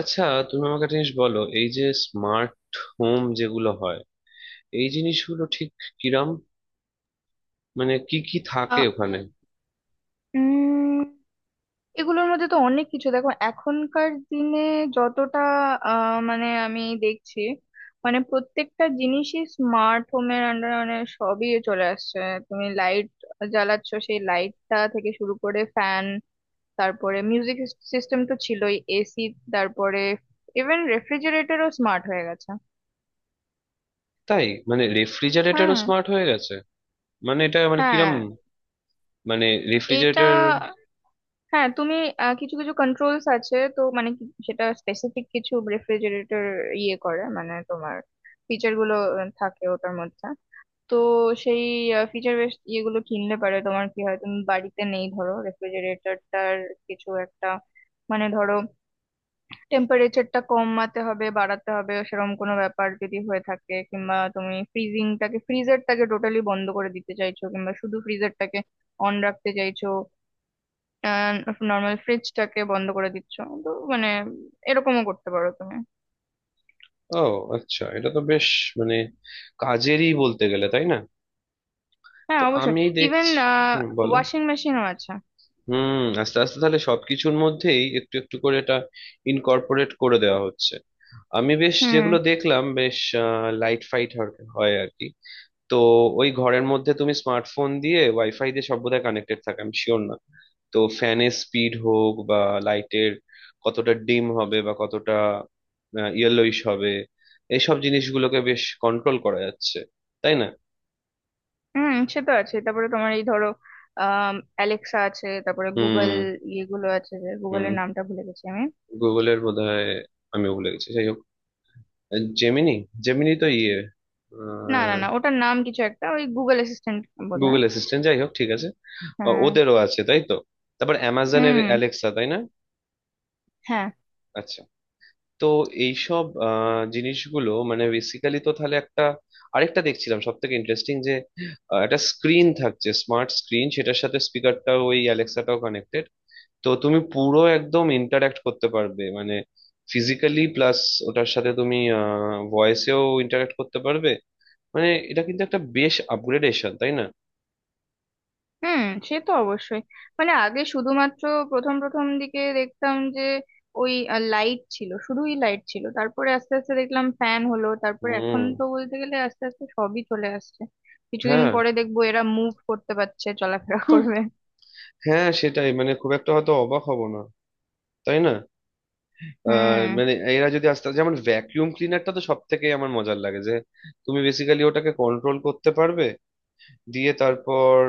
আচ্ছা, তুমি আমাকে একটা জিনিস বলো, এই যে স্মার্ট হোম যেগুলো হয়, এই জিনিসগুলো ঠিক কিরাম? মানে কি কি থাকে আহ, ওখানে? উম এগুলোর মধ্যে তো অনেক কিছু দেখো এখনকার দিনে যতটা মানে আমি দেখছি, মানে প্রত্যেকটা জিনিসই স্মার্ট হোমের আন্ডারে, মানে সবই চলে আসছে। তুমি লাইট জ্বালাচ্ছ, সেই লাইটটা থেকে শুরু করে ফ্যান, তারপরে মিউজিক সিস্টেম তো ছিলই, এসি, তারপরে ইভেন রেফ্রিজারেটরও স্মার্ট হয়ে গেছে। তাই? মানে রেফ্রিজারেটরও হ্যাঁ। স্মার্ট হয়ে গেছে? মানে এটা মানে কিরাম? হ্যাঁ। মানে এটা, রেফ্রিজারেটর। হ্যাঁ। তুমি কিছু কিছু কন্ট্রোলস আছে তো, মানে সেটা স্পেসিফিক কিছু রেফ্রিজারেটর ইয়ে করে, মানে তোমার ফিচার গুলো থাকে ওটার মধ্যে। তো সেই ফিচার বেস ইয়েগুলো কিনলে পারে, তোমার কি হয়, তুমি বাড়িতে নেই, ধরো রেফ্রিজারেটরটার কিছু একটা, মানে ধরো টেম্পারেচারটা কমাতে হবে, বাড়াতে হবে, সেরকম কোনো ব্যাপার যদি হয়ে থাকে, কিংবা তুমি ফ্রিজিংটাকে, ফ্রিজারটাকে টোটালি বন্ধ করে দিতে চাইছো, কিংবা শুধু ফ্রিজারটাকে অন রাখতে চাইছো, নর্মাল ফ্রিজটাকে বন্ধ করে দিচ্ছ, তো মানে এরকমও করতে পারো তুমি। ও আচ্ছা, এটা তো বেশ মানে কাজেরই বলতে গেলে, তাই না? হ্যাঁ, তো অবশ্যই। আমি ইভেন দেখছি। হুম, বলো। ওয়াশিং মেশিনও আছে। হুম, আস্তে আস্তে তাহলে সবকিছুর মধ্যেই একটু একটু করে এটা ইনকর্পোরেট করে দেওয়া হচ্ছে। আমি বেশ যেগুলো হুম। দেখলাম, বেশ লাইট ফাইট হয় আর কি। তো ওই ঘরের মধ্যে তুমি স্মার্টফোন দিয়ে, ওয়াইফাই দিয়ে সব বোধহয় কানেক্টেড থাকে, আমি শিওর না। তো ফ্যানের স্পিড হোক বা লাইটের কতটা ডিম হবে বা কতটা ইয়েলোইশ হবে, এইসব জিনিসগুলোকে বেশ কন্ট্রোল করা যাচ্ছে, তাই না? হুম, সে তো আছে, তারপরে তোমার এই ধরো অ্যালেক্সা আছে, তারপরে গুগল হুম। ইয়েগুলো আছে, যে হুম। গুগলের নামটা ভুলে গেছি আমি। গুগলের বোধহয়, আমিও ভুলে গেছি, যাই হোক। জেমিনি। জেমিনি তো ইয়ে। না না না ওটার নাম কিছু একটা, ওই গুগল অ্যাসিস্ট্যান্ট বোধ গুগল হয়। অ্যাসিস্ট্যান্ট, যাই হোক, ঠিক আছে। ও- হ্যাঁ। ওদেরও আছে তাই তো। তারপর অ্যামাজনের হুম। অ্যালেক্সা, তাই না? হ্যাঁ। আচ্ছা। তো এইসব জিনিসগুলো মানে বেসিক্যালি তো তাহলে একটা, আরেকটা দেখছিলাম সব থেকে ইন্টারেস্টিং, যে একটা স্ক্রিন থাকছে স্মার্ট স্ক্রিন, সেটার সাথে স্পিকারটাও ওই অ্যালেক্সাটাও কানেক্টেড। তো তুমি পুরো একদম ইন্টারাক্ট করতে পারবে, মানে ফিজিক্যালি প্লাস ওটার সাথে তুমি ভয়েসেও ইন্টারাক্ট করতে পারবে। মানে এটা কিন্তু একটা বেশ আপগ্রেডেশন, তাই না? হুম, সে তো অবশ্যই, মানে আগে শুধুমাত্র প্রথম প্রথম দিকে দেখতাম যে ওই লাইট ছিল, শুধুই লাইট ছিল, তারপরে আস্তে আস্তে দেখলাম ফ্যান হলো, তারপরে এখন হুম। তো বলতে গেলে আস্তে আস্তে সবই চলে আসছে। কিছুদিন হ্যাঁ। পরে দেখবো এরা মুভ করতে পারছে, চলাফেরা হুম। করবে। হ্যাঁ, সেটাই, মানে খুব একটা হয়তো অবাক হব না, তাই না? হুম। মানে এরা যদি আস্তে, যেমন ভ্যাকিউম ক্লিনারটা তো সব থেকে আমার মজার লাগে যে তুমি বেসিক্যালি ওটাকে কন্ট্রোল করতে পারবে, দিয়ে তারপর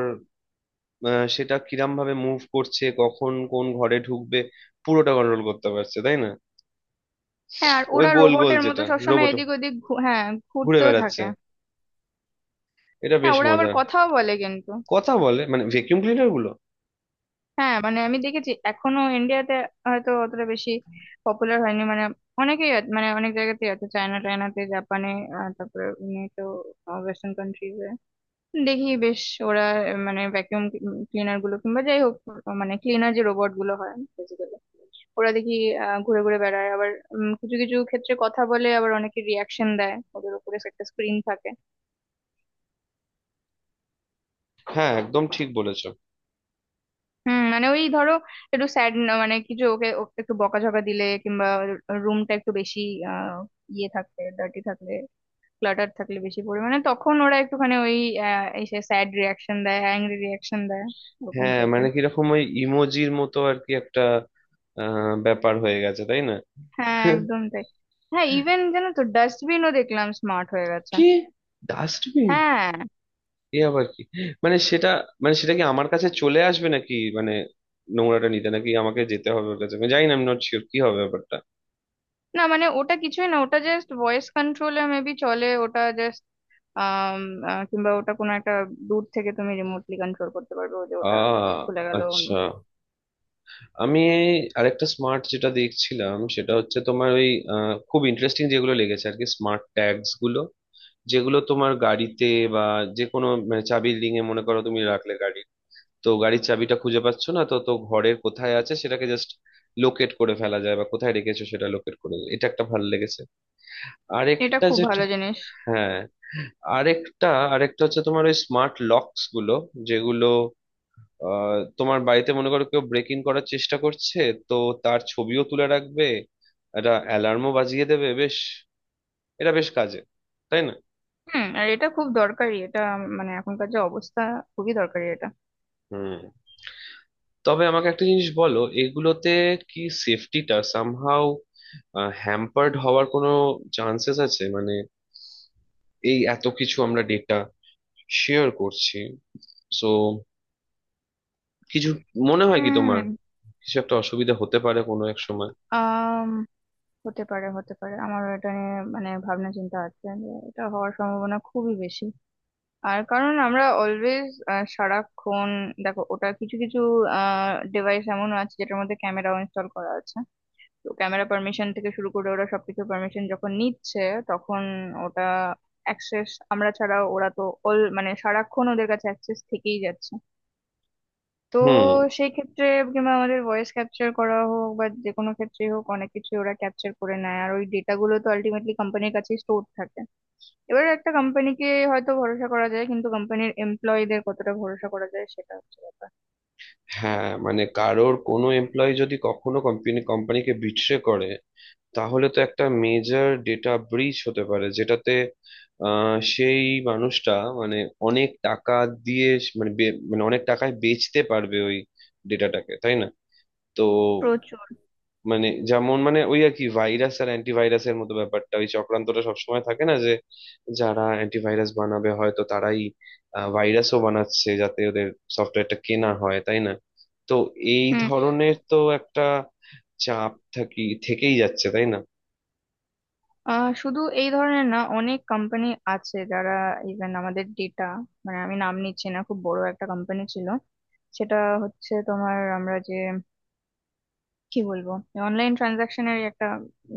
সেটা কিরাম ভাবে মুভ করছে, কখন কোন ঘরে ঢুকবে পুরোটা কন্ট্রোল করতে পারছে, তাই না? হ্যাঁ, আর ওই ওরা গোল গোল রোবটের মতো যেটা সবসময় রোবট এদিক ওদিক হ্যাঁ, ঘুরে ঘুরতেও বেড়াচ্ছে, থাকে। এটা হ্যাঁ, বেশ ওরা আবার মজার। কথাও বলে কিন্তু। কথা বলে মানে ভ্যাকিউম ক্লিনার গুলো? হ্যাঁ, মানে আমি দেখেছি এখনো ইন্ডিয়াতে হয়তো অতটা বেশি পপুলার হয়নি, মানে অনেকেই মানে অনেক জায়গাতেই আছে, চায়না টায়নাতে, জাপানে, তারপরে তো ওয়েস্টার্ন কান্ট্রিজে দেখি বেশ ওরা মানে ভ্যাকিউম ক্লিনার গুলো, কিংবা যাই হোক মানে ক্লিনার যে রোবট গুলো হয় বেসিক্যালি, ওরা দেখি ঘুরে ঘুরে বেড়ায়, আবার কিছু কিছু ক্ষেত্রে কথা বলে, আবার অনেকে রিয়াকশন দেয়, ওদের উপরে একটা স্ক্রিন থাকে। হ্যাঁ, একদম ঠিক বলেছো। হুম, মানে ওই ধরো একটু স্যাড, মানে কিছু ওকে ওকে একটু বকাঝকা দিলে, কিংবা রুমটা একটু বেশি আহ ইয়ে থাকলে, ডার্টি থাকলে, ক্লাটার থাকলে বেশি পরিমাণে, তখন ওরা একটুখানি ওই এসে স্যাড রিয়াকশন দেয়, অ্যাংরি রিয়াকশন দেয়, ওরকম হ্যাঁ মানে টাইপের। কিরকম ওই ইমোজির মতো আর কি একটা ব্যাপার হয়ে গেছে, তাই না? হ্যাঁ, একদম তাই। হ্যাঁ, ইভেন জানো তো ডাস্টবিনও দেখলাম স্মার্ট হয়ে গেছে। কি? ডাস্টবিন? হ্যাঁ, এ আবার কি? মানে সেটা মানে সেটা কি আমার কাছে চলে আসবে নাকি, মানে নোংরাটা নিতে? নাকি আমাকে যেতে হবে ওর কাছে? আমি জানি না, আমি নট শিওর কি হবে ব্যাপারটা। না মানে ওটা কিছুই না, ওটা জাস্ট ভয়েস কন্ট্রোলে মেবি চলে, ওটা জাস্ট আহ কিংবা ওটা কোনো একটা দূর থেকে তুমি রিমোটলি কন্ট্রোল করতে পারবে, ও যে ওটা আহ খুলে গেল। আচ্ছা। আমি আরেকটা স্মার্ট যেটা দেখছিলাম সেটা হচ্ছে তোমার ওই খুব ইন্টারেস্টিং যেগুলো লেগেছে আর কি, স্মার্ট ট্যাগস গুলো, যেগুলো তোমার গাড়িতে বা যে কোনো মানে চাবির রিং এ মনে করো তুমি রাখলে, গাড়ি, তো গাড়ির চাবিটা খুঁজে পাচ্ছ না, তো তো ঘরের কোথায় আছে সেটাকে জাস্ট লোকেট করে ফেলা যায়, বা কোথায় রেখেছো সেটা লোকেট করে, এটা একটা ভালো লেগেছে। এটা আরেকটা খুব যেটা, ভালো জিনিস। হ্যাঁ, আরেকটা, আরেকটা হচ্ছে তোমার ওই স্মার্ট লকস গুলো, যেগুলো তোমার বাড়িতে মনে করো কেউ ব্রেক ইন করার চেষ্টা করছে, তো তার ছবিও তুলে রাখবে, একটা অ্যালার্মও বাজিয়ে দেবে। বেশ, এটা বেশ কাজে, তাই না? হুম, আর এটা খুব দরকারি, এটা মানে এখনকার যে অবস্থা, খুবই দরকারি এটা। হুম। তবে আমাকে একটা জিনিস বলো, এগুলোতে কি সেফটিটা সামহাউ হ্যাম্পার্ড হওয়ার কোনো চান্সেস আছে? মানে এই এত কিছু আমরা ডেটা শেয়ার করছি, সো কিছু, মনে হয় কি তোমার হুম। কিছু একটা অসুবিধা হতে পারে কোনো এক সময়? আম হতে পারে, হতে পারে, আমার এটা নিয়ে মানে ভাবনা চিন্তা আছে যে এটা হওয়ার সম্ভাবনা খুবই বেশি। আর কারণ আমরা অলওয়েজ সারাক্ষণ, দেখো ওটা কিছু কিছু ডিভাইস এমন আছে যেটার মধ্যে ক্যামেরাও ইনস্টল করা আছে, তো ক্যামেরা পারমিশন থেকে শুরু করে ওরা সবকিছু পারমিশন যখন নিচ্ছে, তখন ওটা অ্যাক্সেস আমরা ছাড়া, ওরা তো অল মানে সারাক্ষণ ওদের কাছে অ্যাক্সেস থেকেই যাচ্ছে। তো হুম। সেই ক্ষেত্রে কিংবা আমাদের ভয়েস ক্যাপচার করা হোক বা যে কোনো ক্ষেত্রেই হোক, অনেক কিছু ওরা ক্যাপচার করে নেয়, আর ওই ডেটাগুলো তো আলটিমেটলি কোম্পানির কাছেই স্টোর থাকে। এবার একটা কোম্পানিকে হয়তো ভরসা করা যায়, কিন্তু কোম্পানির এমপ্লয়ীদের কতটা ভরসা করা যায়, সেটা হচ্ছে ব্যাপার। হ্যাঁ মানে কারোর কোনো এমপ্লয়ি যদি কখনো কোম্পানিকে বিট্রে করে, তাহলে তো একটা মেজর ডেটা ব্রিচ হতে পারে, যেটাতে সেই মানুষটা মানে অনেক টাকা দিয়ে মানে মানে অনেক টাকায় বেচতে পারবে ওই ডেটাটাকে, তাই না? তো প্রচুর। মানে যেমন মানে ওই আর কি ভাইরাস আর অ্যান্টিভাইরাসের মতো ব্যাপারটা, ওই চক্রান্তটা সবসময় থাকে না, যে যারা অ্যান্টিভাইরাস বানাবে হয়তো তারাই ভাইরাসও বানাচ্ছে যাতে ওদের সফটওয়্যারটা কেনা হয়, তাই না? তো এই হুম। ধরনের তো একটা চাপ থেকেই যাচ্ছে, তাই না? শুধু এই ধরনের না, অনেক কোম্পানি আছে যারা ইভেন আমাদের ডেটা, মানে আমি নাম নিচ্ছি না, খুব বড় একটা কোম্পানি ছিল, সেটা হচ্ছে তোমার আমরা যে কি বলবো অনলাইন ট্রানজাকশনের একটা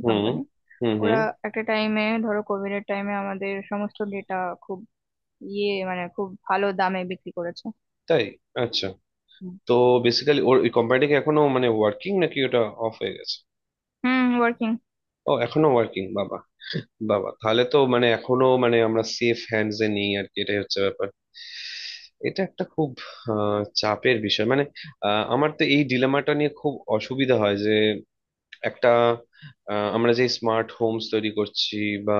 হুম। কোম্পানি। হুম। ওরা হুম। একটা টাইমে, ধরো কোভিড এর টাইমে আমাদের সমস্ত ডেটা খুব ইয়ে মানে খুব ভালো দামে বিক্রি করেছে। তাই? আচ্ছা। হুম। তো বেসিক্যালি ওর ওই কোম্পানিটা কি এখনো মানে ওয়ার্কিং নাকি ওটা অফ হয়ে গেছে? হুম, ওয়ার্কিং। ও এখনো ওয়ার্কিং? বাবা বাবা, তাহলে তো মানে এখনো মানে আমরা সেফ হ্যান্ডস এ নেই আর কি, এটাই হচ্ছে ব্যাপার। এটা একটা খুব চাপের বিষয় মানে। আমার তো এই ডিলেমাটা নিয়ে খুব অসুবিধা হয় যে একটা, আমরা যে স্মার্ট হোমস তৈরি করছি বা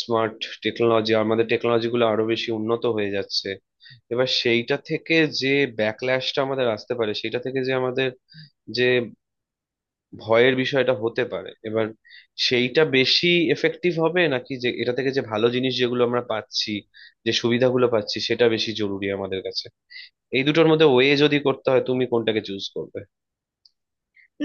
স্মার্ট টেকনোলজি, আমাদের টেকনোলজি গুলো আরো বেশি উন্নত হয়ে যাচ্ছে, এবার সেইটা থেকে যে ব্যাকল্যাশটা আমাদের আসতে পারে, সেটা থেকে যে আমাদের যে ভয়ের বিষয়টা হতে পারে, এবার সেইটা বেশি এফেক্টিভ হবে, নাকি যে এটা থেকে যে ভালো জিনিস যেগুলো আমরা পাচ্ছি, যে সুবিধাগুলো পাচ্ছি সেটা বেশি জরুরি আমাদের কাছে, এই দুটোর মধ্যে ওয়ে যদি করতে হয় তুমি কোনটাকে চুজ করবে?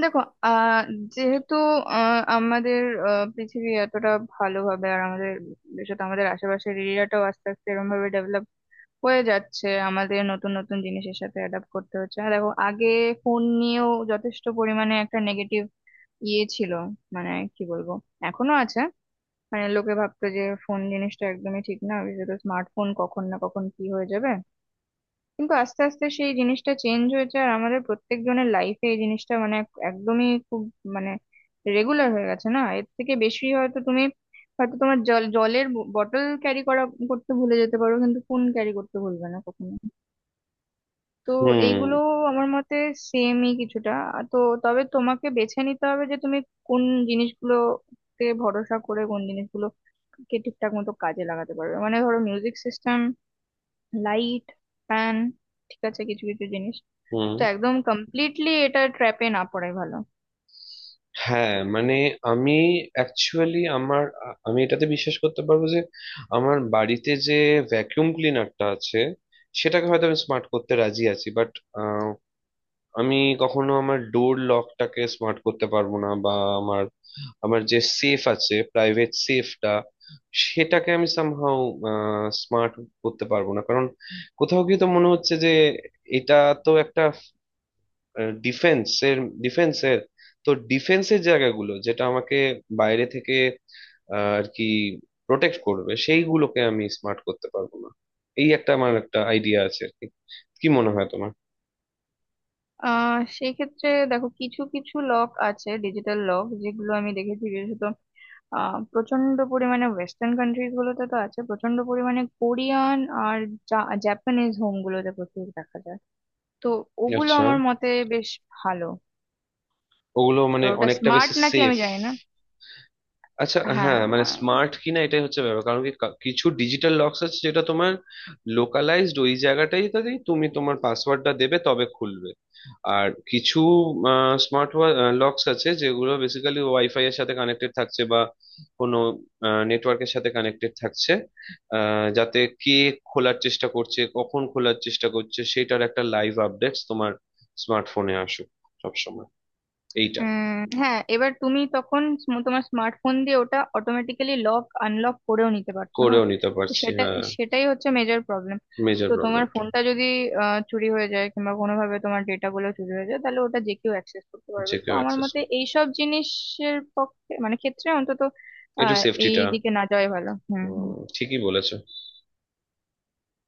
দেখো আহ যেহেতু আমাদের পৃথিবী এতটা ভালোভাবে, আর আমাদের বিশেষত আমাদের আশেপাশের এরিয়াটাও আস্তে আস্তে এরকম ভাবে ডেভেলপ হয়ে যাচ্ছে, আমাদের নতুন নতুন জিনিসের সাথে অ্যাডাপ্ট করতে হচ্ছে। আর দেখো আগে ফোন নিয়েও যথেষ্ট পরিমাণে একটা নেগেটিভ ইয়ে ছিল, মানে কি বলবো, এখনো আছে, মানে লোকে ভাবতো যে ফোন জিনিসটা একদমই ঠিক না, বিশেষত স্মার্টফোন, কখন না কখন কি হয়ে যাবে। কিন্তু আস্তে আস্তে সেই জিনিসটা চেঞ্জ হয়েছে, আর আমাদের প্রত্যেকজনের লাইফে এই জিনিসটা মানে একদমই খুব মানে রেগুলার হয়ে গেছে, না এর থেকে বেশি, হয়তো তুমি হয়তো তোমার জলের বোতল ক্যারি করতে ভুলে যেতে পারো, কিন্তু ফোন ক্যারি করতে ভুলবে না কখনো। তো হুম। এইগুলো আমার মতে সেমই কিছুটা তো তবে তোমাকে বেছে নিতে হবে যে তুমি কোন জিনিসগুলোতে ভরসা করে কোন জিনিসগুলো কে ঠিকঠাক মতো কাজে লাগাতে পারবে, মানে ধরো মিউজিক সিস্টেম, লাইট, ফ্যান, ঠিক আছে কিছু কিছু জিনিস। হুম। তো একদম কমপ্লিটলি এটা ট্র্যাপে না পড়াই ভালো। হ্যাঁ মানে আমি অ্যাকচুয়ালি আমার আমি এটাতে বিশ্বাস করতে পারবো যে আমার বাড়িতে যে ভ্যাকুয়াম ক্লিনারটা আছে সেটাকে হয়তো আমি স্মার্ট করতে রাজি আছি, বাট আমি কখনো আমার ডোর লকটাকে স্মার্ট করতে পারবো না, বা আমার আমার যে সেফ আছে প্রাইভেট সেফটা সেটাকে আমি সামহাউ স্মার্ট করতে পারবো না, কারণ কোথাও গিয়ে তো মনে হচ্ছে যে এটা তো একটা ডিফেন্স এর ডিফেন্সের তো, ডিফেন্সের জায়গাগুলো যেটা আমাকে বাইরে থেকে আহ, আর কি প্রোটেক্ট করবে সেইগুলোকে আমি স্মার্ট করতে পারবো না, এই একটা আইডিয়া আছে আর কি। কি মনে হয় তোমার? সেই ক্ষেত্রে দেখো কিছু কিছু লক আছে, ডিজিটাল লক, যেগুলো আমি দেখেছি বিশেষত প্রচন্ড পরিমাণে ওয়েস্টার্ন কান্ট্রিজ গুলোতে তো আছে, প্রচন্ড পরিমাণে কোরিয়ান আর জাপানিজ হোম গুলোতে প্রচুর দেখা যায়। তো ওগুলো আচ্ছা, আমার মতে বেশ ভালো। ওগুলো তো মানে ওটা অনেকটা স্মার্ট বেশি নাকি আমি সেফ? জানি না। আচ্ছা হ্যাঁ। হ্যাঁ, মানে স্মার্ট কিনা এটাই হচ্ছে ব্যাপার, কারণ কি কিছু ডিজিটাল লক্স আছে যেটা তোমার লোকালাইজড ওই জায়গাটাই, তাই তুমি তোমার পাসওয়ার্ডটা দেবে তবে খুলবে, আর কিছু স্মার্ট লক্স আছে যেগুলো বেসিক্যালি ওয়াইফাই এর সাথে কানেক্টেড থাকছে বা কোনো নেটওয়ার্কের সাথে কানেক্টেড থাকছে, যাতে কে খোলার চেষ্টা করছে কখন খোলার চেষ্টা করছে সেটার একটা লাইভ আপডেটস তোমার স্মার্টফোনে আসুক সবসময়, এইটা। হ্যাঁ, এবার তুমি তখন তোমার স্মার্টফোন দিয়ে ওটা অটোমেটিক্যালি লক আনলক করেও নিতে পারছো না। করেও নিতে তো পারছি হ্যাঁ। সেটাই হচ্ছে মেজর প্রবলেম। মেজর তো তোমার প্রবলেমটা ফোনটা যদি চুরি হয়ে যায়, কিংবা কোনোভাবে তোমার ডেটা গুলো চুরি হয়ে যায়, তাহলে ওটা যে কেউ অ্যাক্সেস করতে পারবে। যে তো কেউ আমার অ্যাক্সেস, মতে এইসব জিনিসের পক্ষে মানে ক্ষেত্রে অন্তত এটা আহ এই সেফটিটা। দিকে না যাওয়াই ভালো। হুম, হুম। ঠিকই বলেছো।